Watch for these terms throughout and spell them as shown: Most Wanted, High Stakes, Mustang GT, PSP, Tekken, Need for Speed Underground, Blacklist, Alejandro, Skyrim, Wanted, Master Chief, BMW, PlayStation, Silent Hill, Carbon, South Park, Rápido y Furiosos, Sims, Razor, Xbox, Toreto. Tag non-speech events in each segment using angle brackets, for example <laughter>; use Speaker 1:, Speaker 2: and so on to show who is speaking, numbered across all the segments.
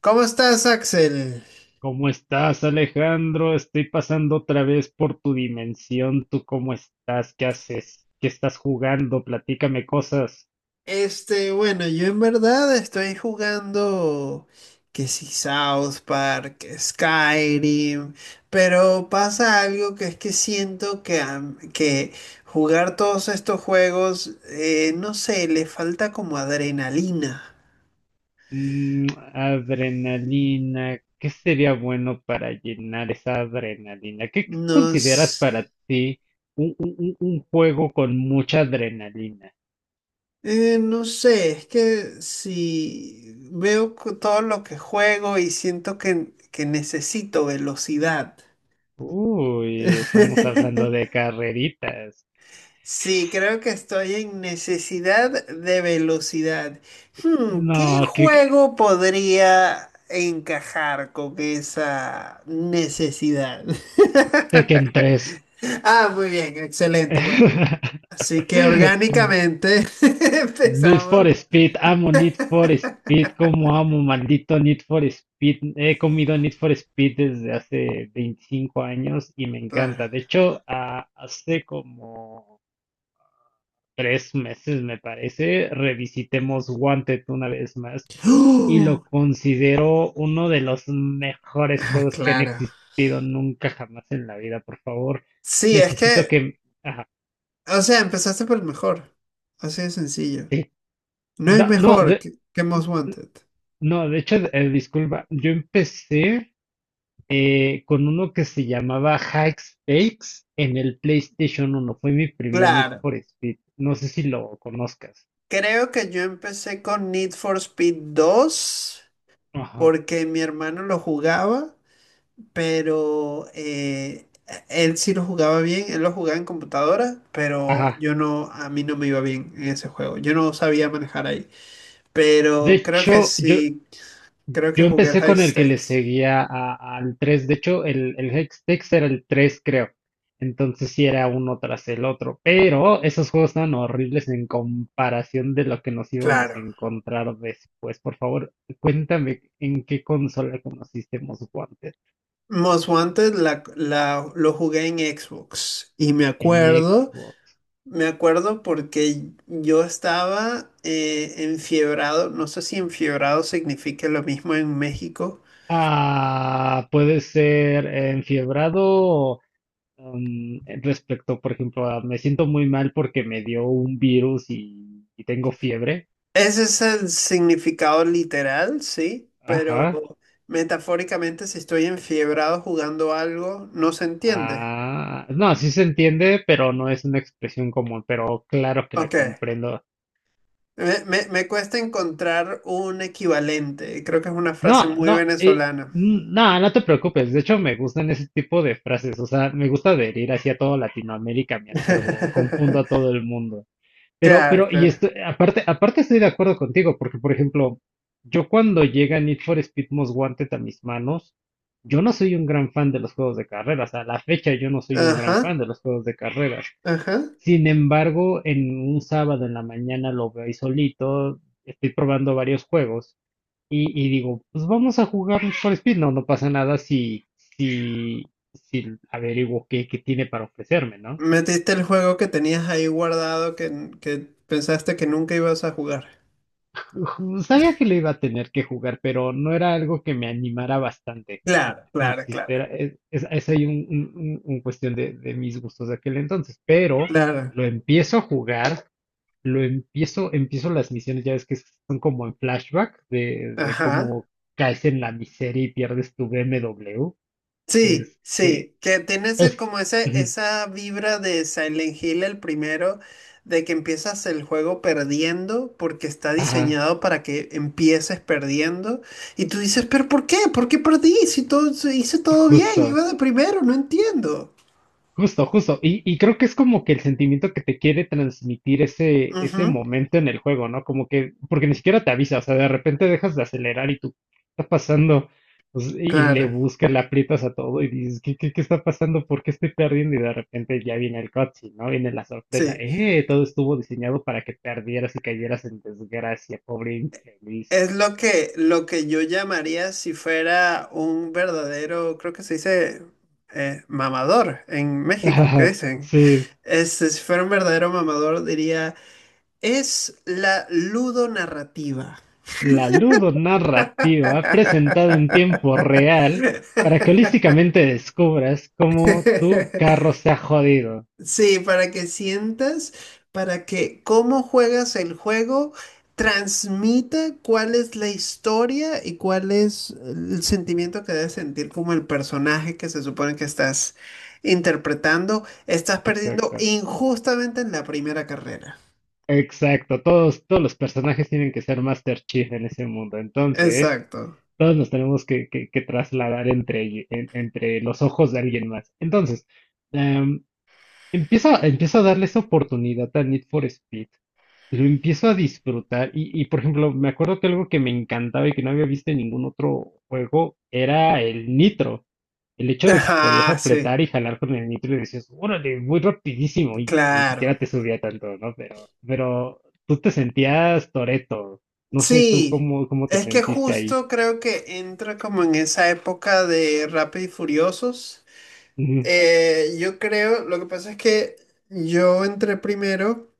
Speaker 1: ¿Cómo estás, Axel?
Speaker 2: ¿Cómo estás, Alejandro? Estoy pasando otra vez por tu dimensión. ¿Tú cómo estás? ¿Qué haces? ¿Qué estás jugando? Platícame cosas.
Speaker 1: Bueno, yo en verdad estoy jugando que si South Park, que Skyrim, pero pasa algo, que es que siento que, que jugar todos estos juegos, no sé, le falta como adrenalina.
Speaker 2: Mm, adrenalina. ¿Qué sería bueno para llenar esa adrenalina? ¿Qué
Speaker 1: Nos,
Speaker 2: consideras para ti un juego con mucha adrenalina?
Speaker 1: no sé, es que si todo lo que juego y siento que necesito velocidad.
Speaker 2: Uy, estamos hablando
Speaker 1: <laughs>
Speaker 2: de carreritas.
Speaker 1: Sí, creo que estoy en necesidad de velocidad. Hmm, ¿qué
Speaker 2: No, que
Speaker 1: juego podría encajar con esa necesidad? <laughs>
Speaker 2: Tekken tres.
Speaker 1: Ah, muy bien, excelente. Bueno, así que
Speaker 2: <laughs>
Speaker 1: orgánicamente <laughs>
Speaker 2: Need for
Speaker 1: empezamos.
Speaker 2: Speed, amo Need for Speed, como amo, maldito Need for Speed. He comido Need for Speed desde hace 25 años y me
Speaker 1: Claro.
Speaker 2: encanta. De hecho, hace como 3 meses, me parece, revisitemos Wanted una vez más y
Speaker 1: ¡Oh!
Speaker 2: lo considero uno de los mejores
Speaker 1: Ah,
Speaker 2: juegos que han
Speaker 1: claro.
Speaker 2: existido nunca jamás en la vida. Por favor,
Speaker 1: Sí, es
Speaker 2: necesito
Speaker 1: que,
Speaker 2: que... Ajá,
Speaker 1: o sea, empezaste por el mejor. Así de sencillo.
Speaker 2: sí.
Speaker 1: No hay
Speaker 2: No,
Speaker 1: mejor que Most Wanted.
Speaker 2: no, de hecho, disculpa, yo empecé... con uno que se llamaba High Stakes en el PlayStation uno. Fue mi primer Need
Speaker 1: Claro.
Speaker 2: for Speed. No sé si lo conozcas.
Speaker 1: Creo que yo empecé con Need for Speed 2
Speaker 2: Ajá.
Speaker 1: porque mi hermano lo jugaba, pero él sí lo jugaba bien, él lo jugaba en computadora, pero
Speaker 2: Ajá.
Speaker 1: yo no, a mí no me iba bien en ese juego, yo no sabía manejar ahí,
Speaker 2: De
Speaker 1: pero creo que
Speaker 2: hecho, yo,
Speaker 1: sí, creo que
Speaker 2: yo
Speaker 1: jugué el
Speaker 2: empecé
Speaker 1: High
Speaker 2: con el que le
Speaker 1: Stakes.
Speaker 2: seguía al 3. De hecho, el High era el 3, creo. Entonces sí era uno tras el otro. Pero esos juegos estaban horribles en comparación de lo que nos íbamos a
Speaker 1: Claro.
Speaker 2: encontrar después. Por favor, cuéntame en qué consola conociste Most Wanted.
Speaker 1: Most Wanted lo jugué en Xbox y
Speaker 2: En Xbox.
Speaker 1: me acuerdo porque yo estaba enfiebrado, no sé si enfiebrado significa lo mismo en México.
Speaker 2: Ah, puede ser enfiebrado respecto, por ejemplo, a me siento muy mal porque me dio un virus y tengo fiebre.
Speaker 1: Ese es el significado literal, sí, pero
Speaker 2: Ajá.
Speaker 1: metafóricamente, si estoy enfiebrado jugando algo, no se entiende.
Speaker 2: Ah, no, sí se entiende, pero no es una expresión común, pero claro que la
Speaker 1: Ok,
Speaker 2: comprendo.
Speaker 1: me cuesta encontrar un equivalente, creo que es una frase
Speaker 2: No,
Speaker 1: muy
Speaker 2: no,
Speaker 1: venezolana.
Speaker 2: no, no te preocupes. De hecho, me gustan ese tipo de frases. O sea, me gusta adherir hacia toda Latinoamérica, me acervo, confundo a
Speaker 1: <laughs>
Speaker 2: todo el mundo. Pero,
Speaker 1: Claro,
Speaker 2: pero, y
Speaker 1: claro.
Speaker 2: esto, aparte estoy de acuerdo contigo, porque, por ejemplo, yo cuando llega Need for Speed Most Wanted a mis manos, yo no soy un gran fan de los juegos de carreras. A la fecha yo no soy un gran
Speaker 1: Ajá,
Speaker 2: fan de los juegos de carreras.
Speaker 1: ajá.
Speaker 2: Sin embargo, en un sábado en la mañana lo veo ahí solito, estoy probando varios juegos y digo, pues vamos a jugar Need for Speed. No, no pasa nada si, si averiguo qué tiene para ofrecerme, ¿no?
Speaker 1: Metiste el juego que tenías ahí guardado que pensaste que nunca ibas a jugar.
Speaker 2: <laughs> Sabía que le iba a tener que jugar, pero no era algo que me animara bastante.
Speaker 1: Claro, claro, claro,
Speaker 2: Insistiera, es ahí un cuestión de mis gustos de aquel entonces, pero
Speaker 1: claro.
Speaker 2: lo empiezo a jugar, empiezo las misiones, ya ves que son como en flashback de
Speaker 1: Ajá.
Speaker 2: cómo caes en la miseria y pierdes tu BMW.
Speaker 1: Sí,
Speaker 2: Es,
Speaker 1: sí, que tiene ese,
Speaker 2: es, ujú,
Speaker 1: esa vibra de Silent Hill el primero, de que empiezas el juego perdiendo porque está
Speaker 2: ajá,
Speaker 1: diseñado para que empieces perdiendo. Y tú dices, pero ¿por qué? ¿Por qué perdí? Si todo, si hice todo bien,
Speaker 2: justo.
Speaker 1: iba de primero, no entiendo.
Speaker 2: Justo, justo. Y creo que es como que el sentimiento que te quiere transmitir ese
Speaker 1: Ujú.
Speaker 2: momento en el juego, ¿no? Como que, porque ni siquiera te avisa, o sea, de repente dejas de acelerar y tú, ¿qué está pasando? Pues, y le
Speaker 1: Claro,
Speaker 2: buscas, le aprietas a todo y dices, ¿qué está pasando? ¿Por qué estoy perdiendo? Y de repente ya viene el cutscene, ¿no? Viene la sorpresa.
Speaker 1: sí.
Speaker 2: ¡Eh! Todo estuvo diseñado para que perdieras y cayeras en desgracia, pobre infeliz.
Speaker 1: Es
Speaker 2: <laughs>
Speaker 1: lo que yo llamaría si fuera un verdadero, creo que se dice mamador en México, ¿qué
Speaker 2: Ah,
Speaker 1: dicen?
Speaker 2: sí,
Speaker 1: Si fuera un verdadero mamador, diría, es la ludonarrativa.
Speaker 2: la ludonarrativa presentada en tiempo real para que holísticamente descubras cómo tu
Speaker 1: <laughs>
Speaker 2: carro se ha jodido.
Speaker 1: Sí, para que sientas, para que cómo juegas el juego transmita cuál es la historia y cuál es el sentimiento que debes sentir como el personaje que se supone que estás interpretando. Estás perdiendo
Speaker 2: Exacto.
Speaker 1: injustamente en la primera carrera.
Speaker 2: Exacto, todos los personajes tienen que ser Master Chief en ese mundo. Entonces,
Speaker 1: Exacto.
Speaker 2: todos nos tenemos que, que trasladar entre los ojos de alguien más. Entonces, em, empiezo a darle esa oportunidad a Need for Speed. Lo empiezo a disfrutar y, por ejemplo, me acuerdo que algo que me encantaba y que no había visto en ningún otro juego era el nitro. El hecho de que podías
Speaker 1: Ajá, sí,
Speaker 2: apretar y jalar con el nitro y decías, órale, muy rapidísimo y ni
Speaker 1: claro.
Speaker 2: siquiera te subía tanto, ¿no? Pero tú te sentías Toreto. No sé tú
Speaker 1: Sí,
Speaker 2: cómo, cómo te
Speaker 1: es que
Speaker 2: sentiste ahí.
Speaker 1: justo creo que entra como en esa época de Rápido y Furiosos.
Speaker 2: Ujú.
Speaker 1: Yo creo, lo que pasa es que yo entré primero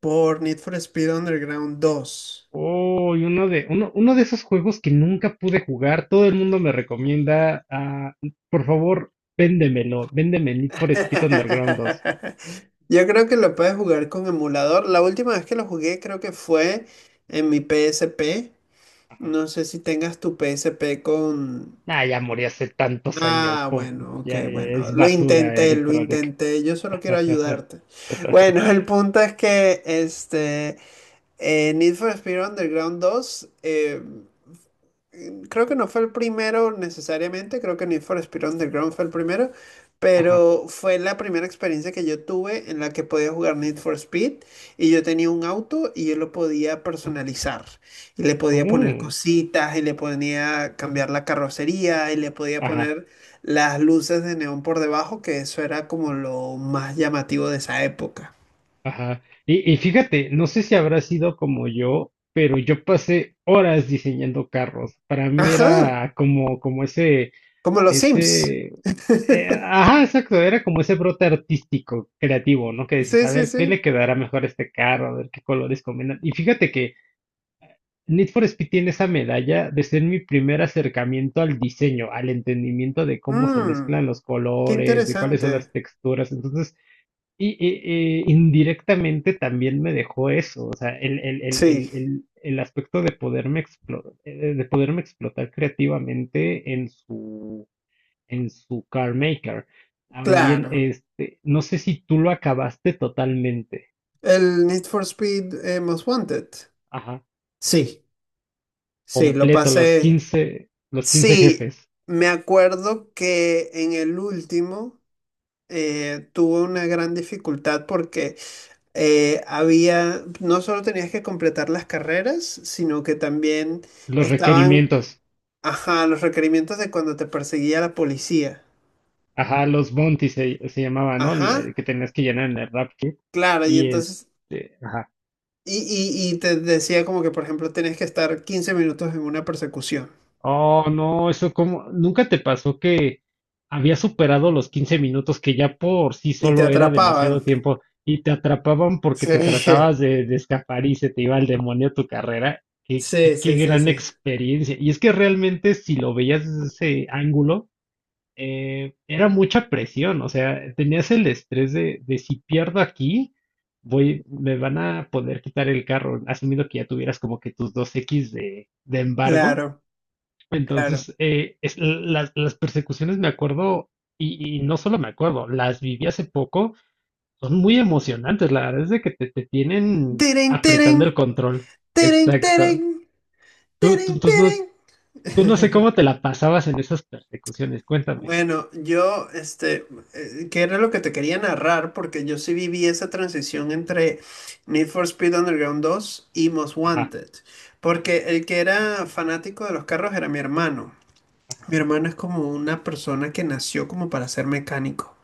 Speaker 1: por Need for Speed Underground 2.
Speaker 2: Oh, y uno de esos juegos que nunca pude jugar, todo el mundo me recomienda, ah, por favor, véndemelo, véndeme Need for Speed Underground dos.
Speaker 1: <laughs> Yo creo que lo puedes jugar con emulador. La última vez que lo jugué creo que fue en mi PSP.
Speaker 2: Ajá.
Speaker 1: No sé si tengas tu PSP con...
Speaker 2: Nah, ya morí hace tantos años.
Speaker 1: Ah, bueno, ok,
Speaker 2: Ya
Speaker 1: bueno.
Speaker 2: es
Speaker 1: Lo
Speaker 2: basura
Speaker 1: intenté, lo
Speaker 2: electrónica.
Speaker 1: intenté. Yo solo quiero ayudarte. <laughs> Bueno, el punto es que Need for Speed Underground 2. Creo que no fue el primero necesariamente, creo que Need for Speed Underground fue el primero,
Speaker 2: Ajá.
Speaker 1: pero fue la primera experiencia que yo tuve en la que podía jugar Need for Speed y yo tenía un auto y yo lo podía personalizar y le podía poner
Speaker 2: Mm,
Speaker 1: cositas y le podía cambiar la carrocería y le podía
Speaker 2: ajá,
Speaker 1: poner las luces de neón por debajo, que eso era como lo más llamativo de esa época.
Speaker 2: ajá. Y fíjate, no sé si habrá sido como yo, pero yo pasé horas diseñando carros. Para mí
Speaker 1: Ajá,
Speaker 2: era como ese,
Speaker 1: como los Sims.
Speaker 2: ese,
Speaker 1: <laughs>
Speaker 2: ajá, exacto, era como ese brote artístico, creativo, ¿no? Que dices,
Speaker 1: Sí,
Speaker 2: a
Speaker 1: sí,
Speaker 2: ver, ¿qué
Speaker 1: sí.
Speaker 2: le quedará mejor a este carro? A ver qué colores combinan. Y fíjate que Need for Speed tiene esa medalla de ser mi primer acercamiento al diseño, al entendimiento de cómo se
Speaker 1: Mm,
Speaker 2: mezclan los
Speaker 1: qué
Speaker 2: colores, de cuáles son las
Speaker 1: interesante.
Speaker 2: texturas. Entonces, y indirectamente también me dejó eso, o sea, el, el, el, el,
Speaker 1: Sí.
Speaker 2: el, el aspecto de poderme explotar creativamente en su car maker. Ahora bien,
Speaker 1: Claro,
Speaker 2: este, no sé si tú lo acabaste totalmente,
Speaker 1: el Need for Speed Most Wanted.
Speaker 2: ajá,
Speaker 1: Sí, sí, lo
Speaker 2: completo, los
Speaker 1: pasé.
Speaker 2: quince los quince
Speaker 1: Sí,
Speaker 2: jefes.
Speaker 1: me acuerdo que en el último tuve una gran dificultad porque había, no solo tenías que completar las carreras, sino que también
Speaker 2: Los
Speaker 1: estaban,
Speaker 2: requerimientos,
Speaker 1: ajá, los requerimientos de cuando te perseguía la policía.
Speaker 2: ajá, los bounties se llamaba, ¿no?
Speaker 1: Ajá,
Speaker 2: El que tenías que llenar en el rap kit.
Speaker 1: claro,
Speaker 2: Y este, ajá.
Speaker 1: y, y te decía como que, por ejemplo, tenías que estar 15 minutos en una persecución.
Speaker 2: Oh, no, eso como, ¿nunca te pasó que había superado los 15 minutos, que ya por sí
Speaker 1: Y te
Speaker 2: solo era
Speaker 1: atrapaban.
Speaker 2: demasiado tiempo, y te atrapaban porque
Speaker 1: Sí.
Speaker 2: te
Speaker 1: <laughs>
Speaker 2: tratabas de escapar y se te iba el demonio a tu carrera? Qué, qué,
Speaker 1: Sí,
Speaker 2: qué
Speaker 1: sí, sí,
Speaker 2: gran
Speaker 1: sí.
Speaker 2: experiencia. Y es que realmente si lo veías desde ese ángulo, era mucha presión, o sea, tenías el estrés de si pierdo aquí, voy, me van a poder quitar el carro, asumiendo que ya tuvieras como que tus dos x de embargo.
Speaker 1: Claro, claro.
Speaker 2: Entonces, las persecuciones me acuerdo, y no solo me acuerdo, las viví hace poco, son muy emocionantes, la verdad es de que te tienen
Speaker 1: Teren, teren,
Speaker 2: apretando el control.
Speaker 1: teren, teren,
Speaker 2: Exacto. Tú,
Speaker 1: teren,
Speaker 2: tú, tú no,
Speaker 1: teren.
Speaker 2: tú no sé cómo te la pasabas en esas persecuciones, cuéntame.
Speaker 1: Bueno, yo, ¿qué era lo que te quería narrar? Porque yo sí viví esa transición entre Need for Speed Underground 2 y Most
Speaker 2: Ajá.
Speaker 1: Wanted. Porque el que era fanático de los carros era mi hermano. Mi hermano es como una persona que nació como para ser mecánico.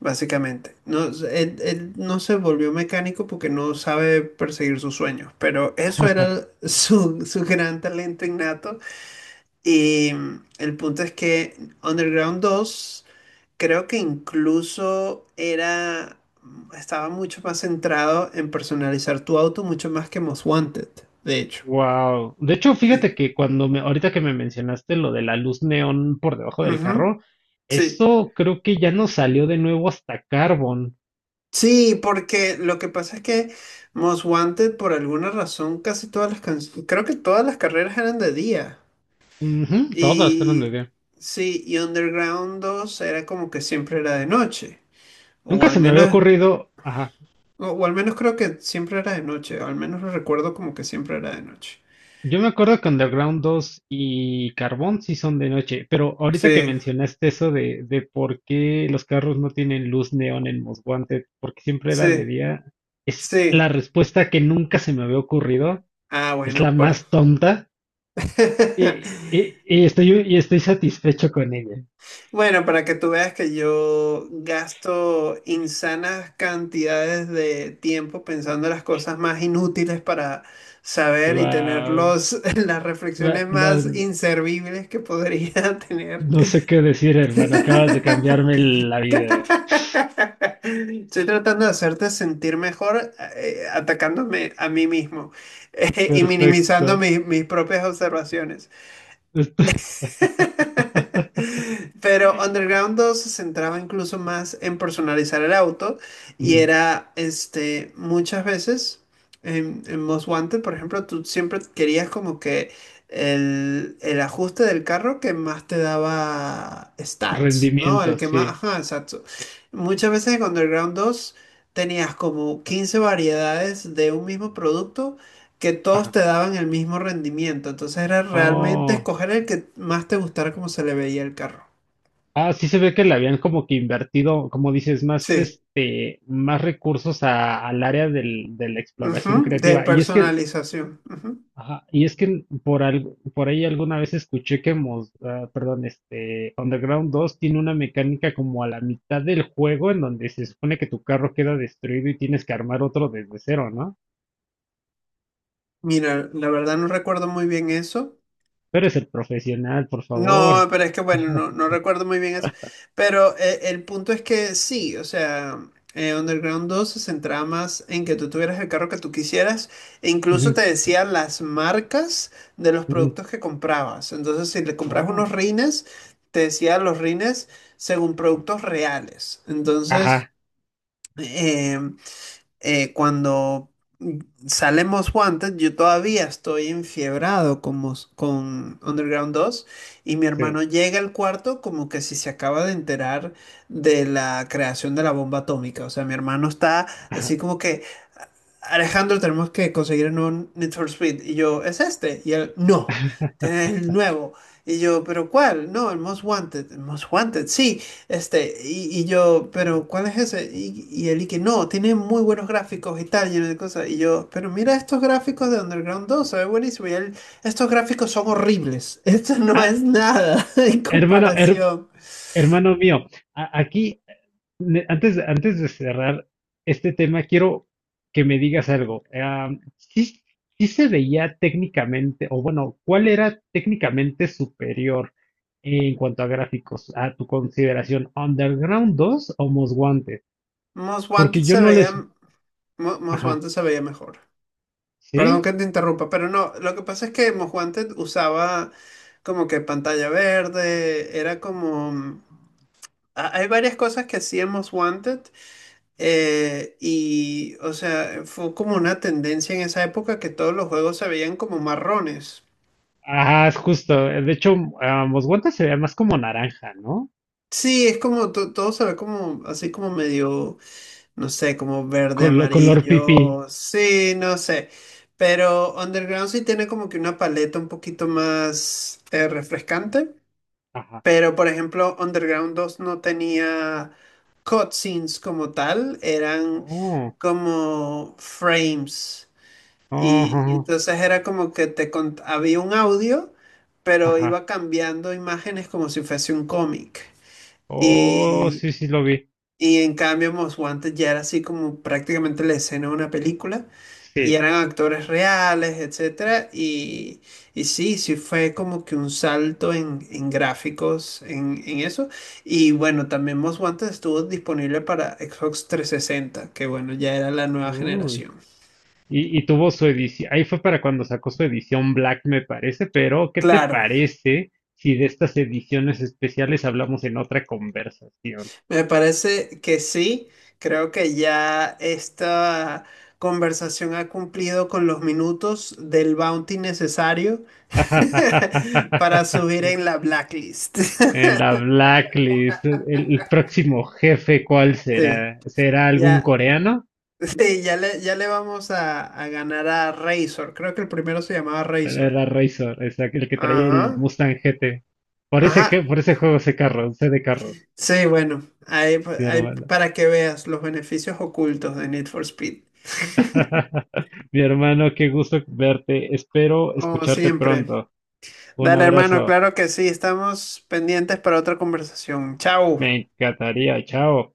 Speaker 1: Básicamente, no, él no se volvió mecánico porque no sabe perseguir sus sueños, pero eso era su gran talento innato. Y el punto es que Underground 2 creo que estaba mucho más centrado en personalizar tu auto, mucho más que Most Wanted, de hecho.
Speaker 2: Wow. De hecho, fíjate
Speaker 1: Sí.
Speaker 2: que cuando me, ahorita que me mencionaste lo de la luz neón por debajo del
Speaker 1: Ujú.
Speaker 2: carro,
Speaker 1: Sí.
Speaker 2: eso creo que ya no salió de nuevo hasta Carbon.
Speaker 1: Sí, porque lo que pasa es que Most Wanted, por alguna razón, casi todas las canciones, creo que todas las carreras eran de día.
Speaker 2: Ujú, todas eran de
Speaker 1: Y
Speaker 2: día.
Speaker 1: sí, y Underground 2 era como que siempre era de noche. O
Speaker 2: Nunca
Speaker 1: al
Speaker 2: se me había
Speaker 1: menos,
Speaker 2: ocurrido. Ajá.
Speaker 1: o al menos creo que siempre era de noche. Al menos lo recuerdo como que siempre era de noche.
Speaker 2: Yo me acuerdo que Underground 2 y Carbon sí son de noche, pero ahorita que
Speaker 1: Sí,
Speaker 2: mencionaste eso de por qué los carros no tienen luz neón en Most Wanted, porque siempre era
Speaker 1: sí,
Speaker 2: de día, es
Speaker 1: sí.
Speaker 2: la respuesta que nunca se me había ocurrido.
Speaker 1: Ah,
Speaker 2: Es la
Speaker 1: bueno, por...
Speaker 2: más tonta. Y,
Speaker 1: <laughs>
Speaker 2: y estoy satisfecho con ella.
Speaker 1: Bueno, para que tú veas que yo gasto insanas cantidades de tiempo pensando en las cosas más inútiles para saber y tener
Speaker 2: Guau.
Speaker 1: los <laughs> las
Speaker 2: La-
Speaker 1: reflexiones
Speaker 2: la-
Speaker 1: más inservibles que podría <laughs> tener.
Speaker 2: no sé qué decir, hermano. Acabas de cambiarme la vida.
Speaker 1: Estoy tratando de hacerte sentir mejor, atacándome a mí mismo, <laughs> y
Speaker 2: Perfecto.
Speaker 1: minimizando mis propias observaciones.
Speaker 2: Esto- <laughs>
Speaker 1: <laughs> Pero Underground 2 se centraba incluso más en personalizar el auto y
Speaker 2: Mm,
Speaker 1: era, este, muchas veces en Most Wanted, por ejemplo, tú siempre querías como que el ajuste del carro que más te daba stats, ¿no? El
Speaker 2: Rendimiento
Speaker 1: que más,
Speaker 2: sí.
Speaker 1: ajá, exacto. Muchas veces en Underground 2 tenías como 15 variedades de un mismo producto que todos
Speaker 2: Ajá.
Speaker 1: te daban el mismo rendimiento. Entonces era realmente
Speaker 2: Oh.
Speaker 1: escoger el que más te gustara como se le veía el carro.
Speaker 2: Ah, sí se ve que le habían como que invertido, como dices, más
Speaker 1: Sí,
Speaker 2: este, más recursos al área de la exploración
Speaker 1: ujú. De
Speaker 2: creativa. Y es que...
Speaker 1: personalización. Ujú.
Speaker 2: Ajá, y es que por algo, por ahí alguna vez escuché que perdón, este Underground 2 tiene una mecánica como a la mitad del juego en donde se supone que tu carro queda destruido y tienes que armar otro desde cero, ¿no?
Speaker 1: Mira, la verdad no recuerdo muy bien eso.
Speaker 2: Pero es el profesional, por
Speaker 1: No,
Speaker 2: favor.
Speaker 1: pero es que bueno, no, no recuerdo muy bien eso. Pero el punto es que sí, o sea, Underground 2 se centraba más en que tú tuvieras el carro que tú quisieras e incluso te
Speaker 2: Ujú,
Speaker 1: decían las marcas de los
Speaker 2: ujú.
Speaker 1: productos que comprabas. Entonces, si le comprabas unos
Speaker 2: Oh,
Speaker 1: rines, te decía los rines según productos reales. Entonces...
Speaker 2: ajá,
Speaker 1: em, cuando Salemos Wanted, yo todavía estoy enfiebrado con Underground 2 y mi
Speaker 2: sí,
Speaker 1: hermano llega al cuarto como que si se acaba de enterar de la creación de la bomba atómica. O sea, mi hermano está así
Speaker 2: ajá.
Speaker 1: como que, Alejandro, tenemos que conseguir un nuevo Need for Speed. Y yo, ¿es este? Y él, no, es
Speaker 2: <laughs>
Speaker 1: el nuevo. Y yo, ¿pero cuál? No, el Most Wanted. El Most Wanted, sí. Este, y yo, pero ¿cuál es ese? Y el Iki, no, tiene muy buenos gráficos y tal, lleno de cosas. Y yo, pero mira estos gráficos de Underground 2, se ve buenísimo. Y él, estos gráficos son horribles. <laughs> Esto no
Speaker 2: Ah,
Speaker 1: es nada <laughs> en
Speaker 2: hermano,
Speaker 1: comparación.
Speaker 2: hermano mío, aquí antes de cerrar este tema, quiero que me digas algo. ¿Sí se veía técnicamente, o bueno, cuál era técnicamente superior en cuanto a gráficos, a tu consideración, Underground 2 o Most Wanted?
Speaker 1: Most Wanted
Speaker 2: Porque yo
Speaker 1: se
Speaker 2: no les...
Speaker 1: veía, Most
Speaker 2: Ajá,
Speaker 1: Wanted se veía mejor. Perdón
Speaker 2: ¿sí?
Speaker 1: que te interrumpa, pero no, lo que pasa es que Most Wanted usaba como que pantalla verde, era como... Hay varias cosas que hacíamos Wanted. Y, o sea, fue como una tendencia en esa época que todos los juegos se veían como marrones.
Speaker 2: Ajá, es justo. De hecho, Most Wanted se veía más como naranja, ¿no?
Speaker 1: Sí, es como todo se ve como así como medio, no sé, como verde,
Speaker 2: Color pipí.
Speaker 1: amarillo, sí, no sé. Pero Underground sí tiene como que una paleta un poquito más refrescante.
Speaker 2: Ajá.
Speaker 1: Pero por ejemplo, Underground 2 no tenía cutscenes como tal, eran
Speaker 2: Oh,
Speaker 1: como frames.
Speaker 2: oh,
Speaker 1: Y
Speaker 2: ajá.
Speaker 1: entonces era como que había un audio, pero
Speaker 2: Ajá.
Speaker 1: iba cambiando imágenes como si fuese un cómic.
Speaker 2: Oh,
Speaker 1: Y,
Speaker 2: sí, sí lo vi.
Speaker 1: y en cambio, Most Wanted ya era así como prácticamente la escena de una película. Y
Speaker 2: Sí.
Speaker 1: eran actores reales, etcétera. Y sí, sí fue como que un salto en gráficos, en eso. Y bueno, también Most Wanted estuvo disponible para Xbox 360, que bueno, ya era la nueva
Speaker 2: Uy.
Speaker 1: generación.
Speaker 2: Y tuvo su edición, ahí fue para cuando sacó su edición Black, me parece, pero ¿qué te
Speaker 1: Claro.
Speaker 2: parece si de estas ediciones especiales hablamos en otra conversación?
Speaker 1: Me parece que sí, creo que ya esta conversación ha cumplido con los minutos del bounty necesario <laughs> para subir en
Speaker 2: <laughs>
Speaker 1: la blacklist. <laughs>
Speaker 2: En la Blacklist, el próximo jefe, ¿cuál
Speaker 1: Sí,
Speaker 2: será? ¿Será algún
Speaker 1: ya,
Speaker 2: coreano?
Speaker 1: sí, ya le vamos a ganar a Razor. Creo que el primero se llamaba Razor.
Speaker 2: Era Razor, el que traía el
Speaker 1: Ajá,
Speaker 2: Mustang GT. Por
Speaker 1: ajá.
Speaker 2: ese, por ese juego sé carros, sé de carros,
Speaker 1: Sí, bueno, ahí,
Speaker 2: mi
Speaker 1: ahí
Speaker 2: hermano.
Speaker 1: para que veas los beneficios ocultos de Need for Speed.
Speaker 2: <laughs> Mi hermano, qué gusto verte. Espero
Speaker 1: Como
Speaker 2: escucharte
Speaker 1: siempre.
Speaker 2: pronto. Un
Speaker 1: Dale, hermano,
Speaker 2: abrazo.
Speaker 1: claro que sí, estamos pendientes para otra conversación. Chao.
Speaker 2: Me encantaría. Chao.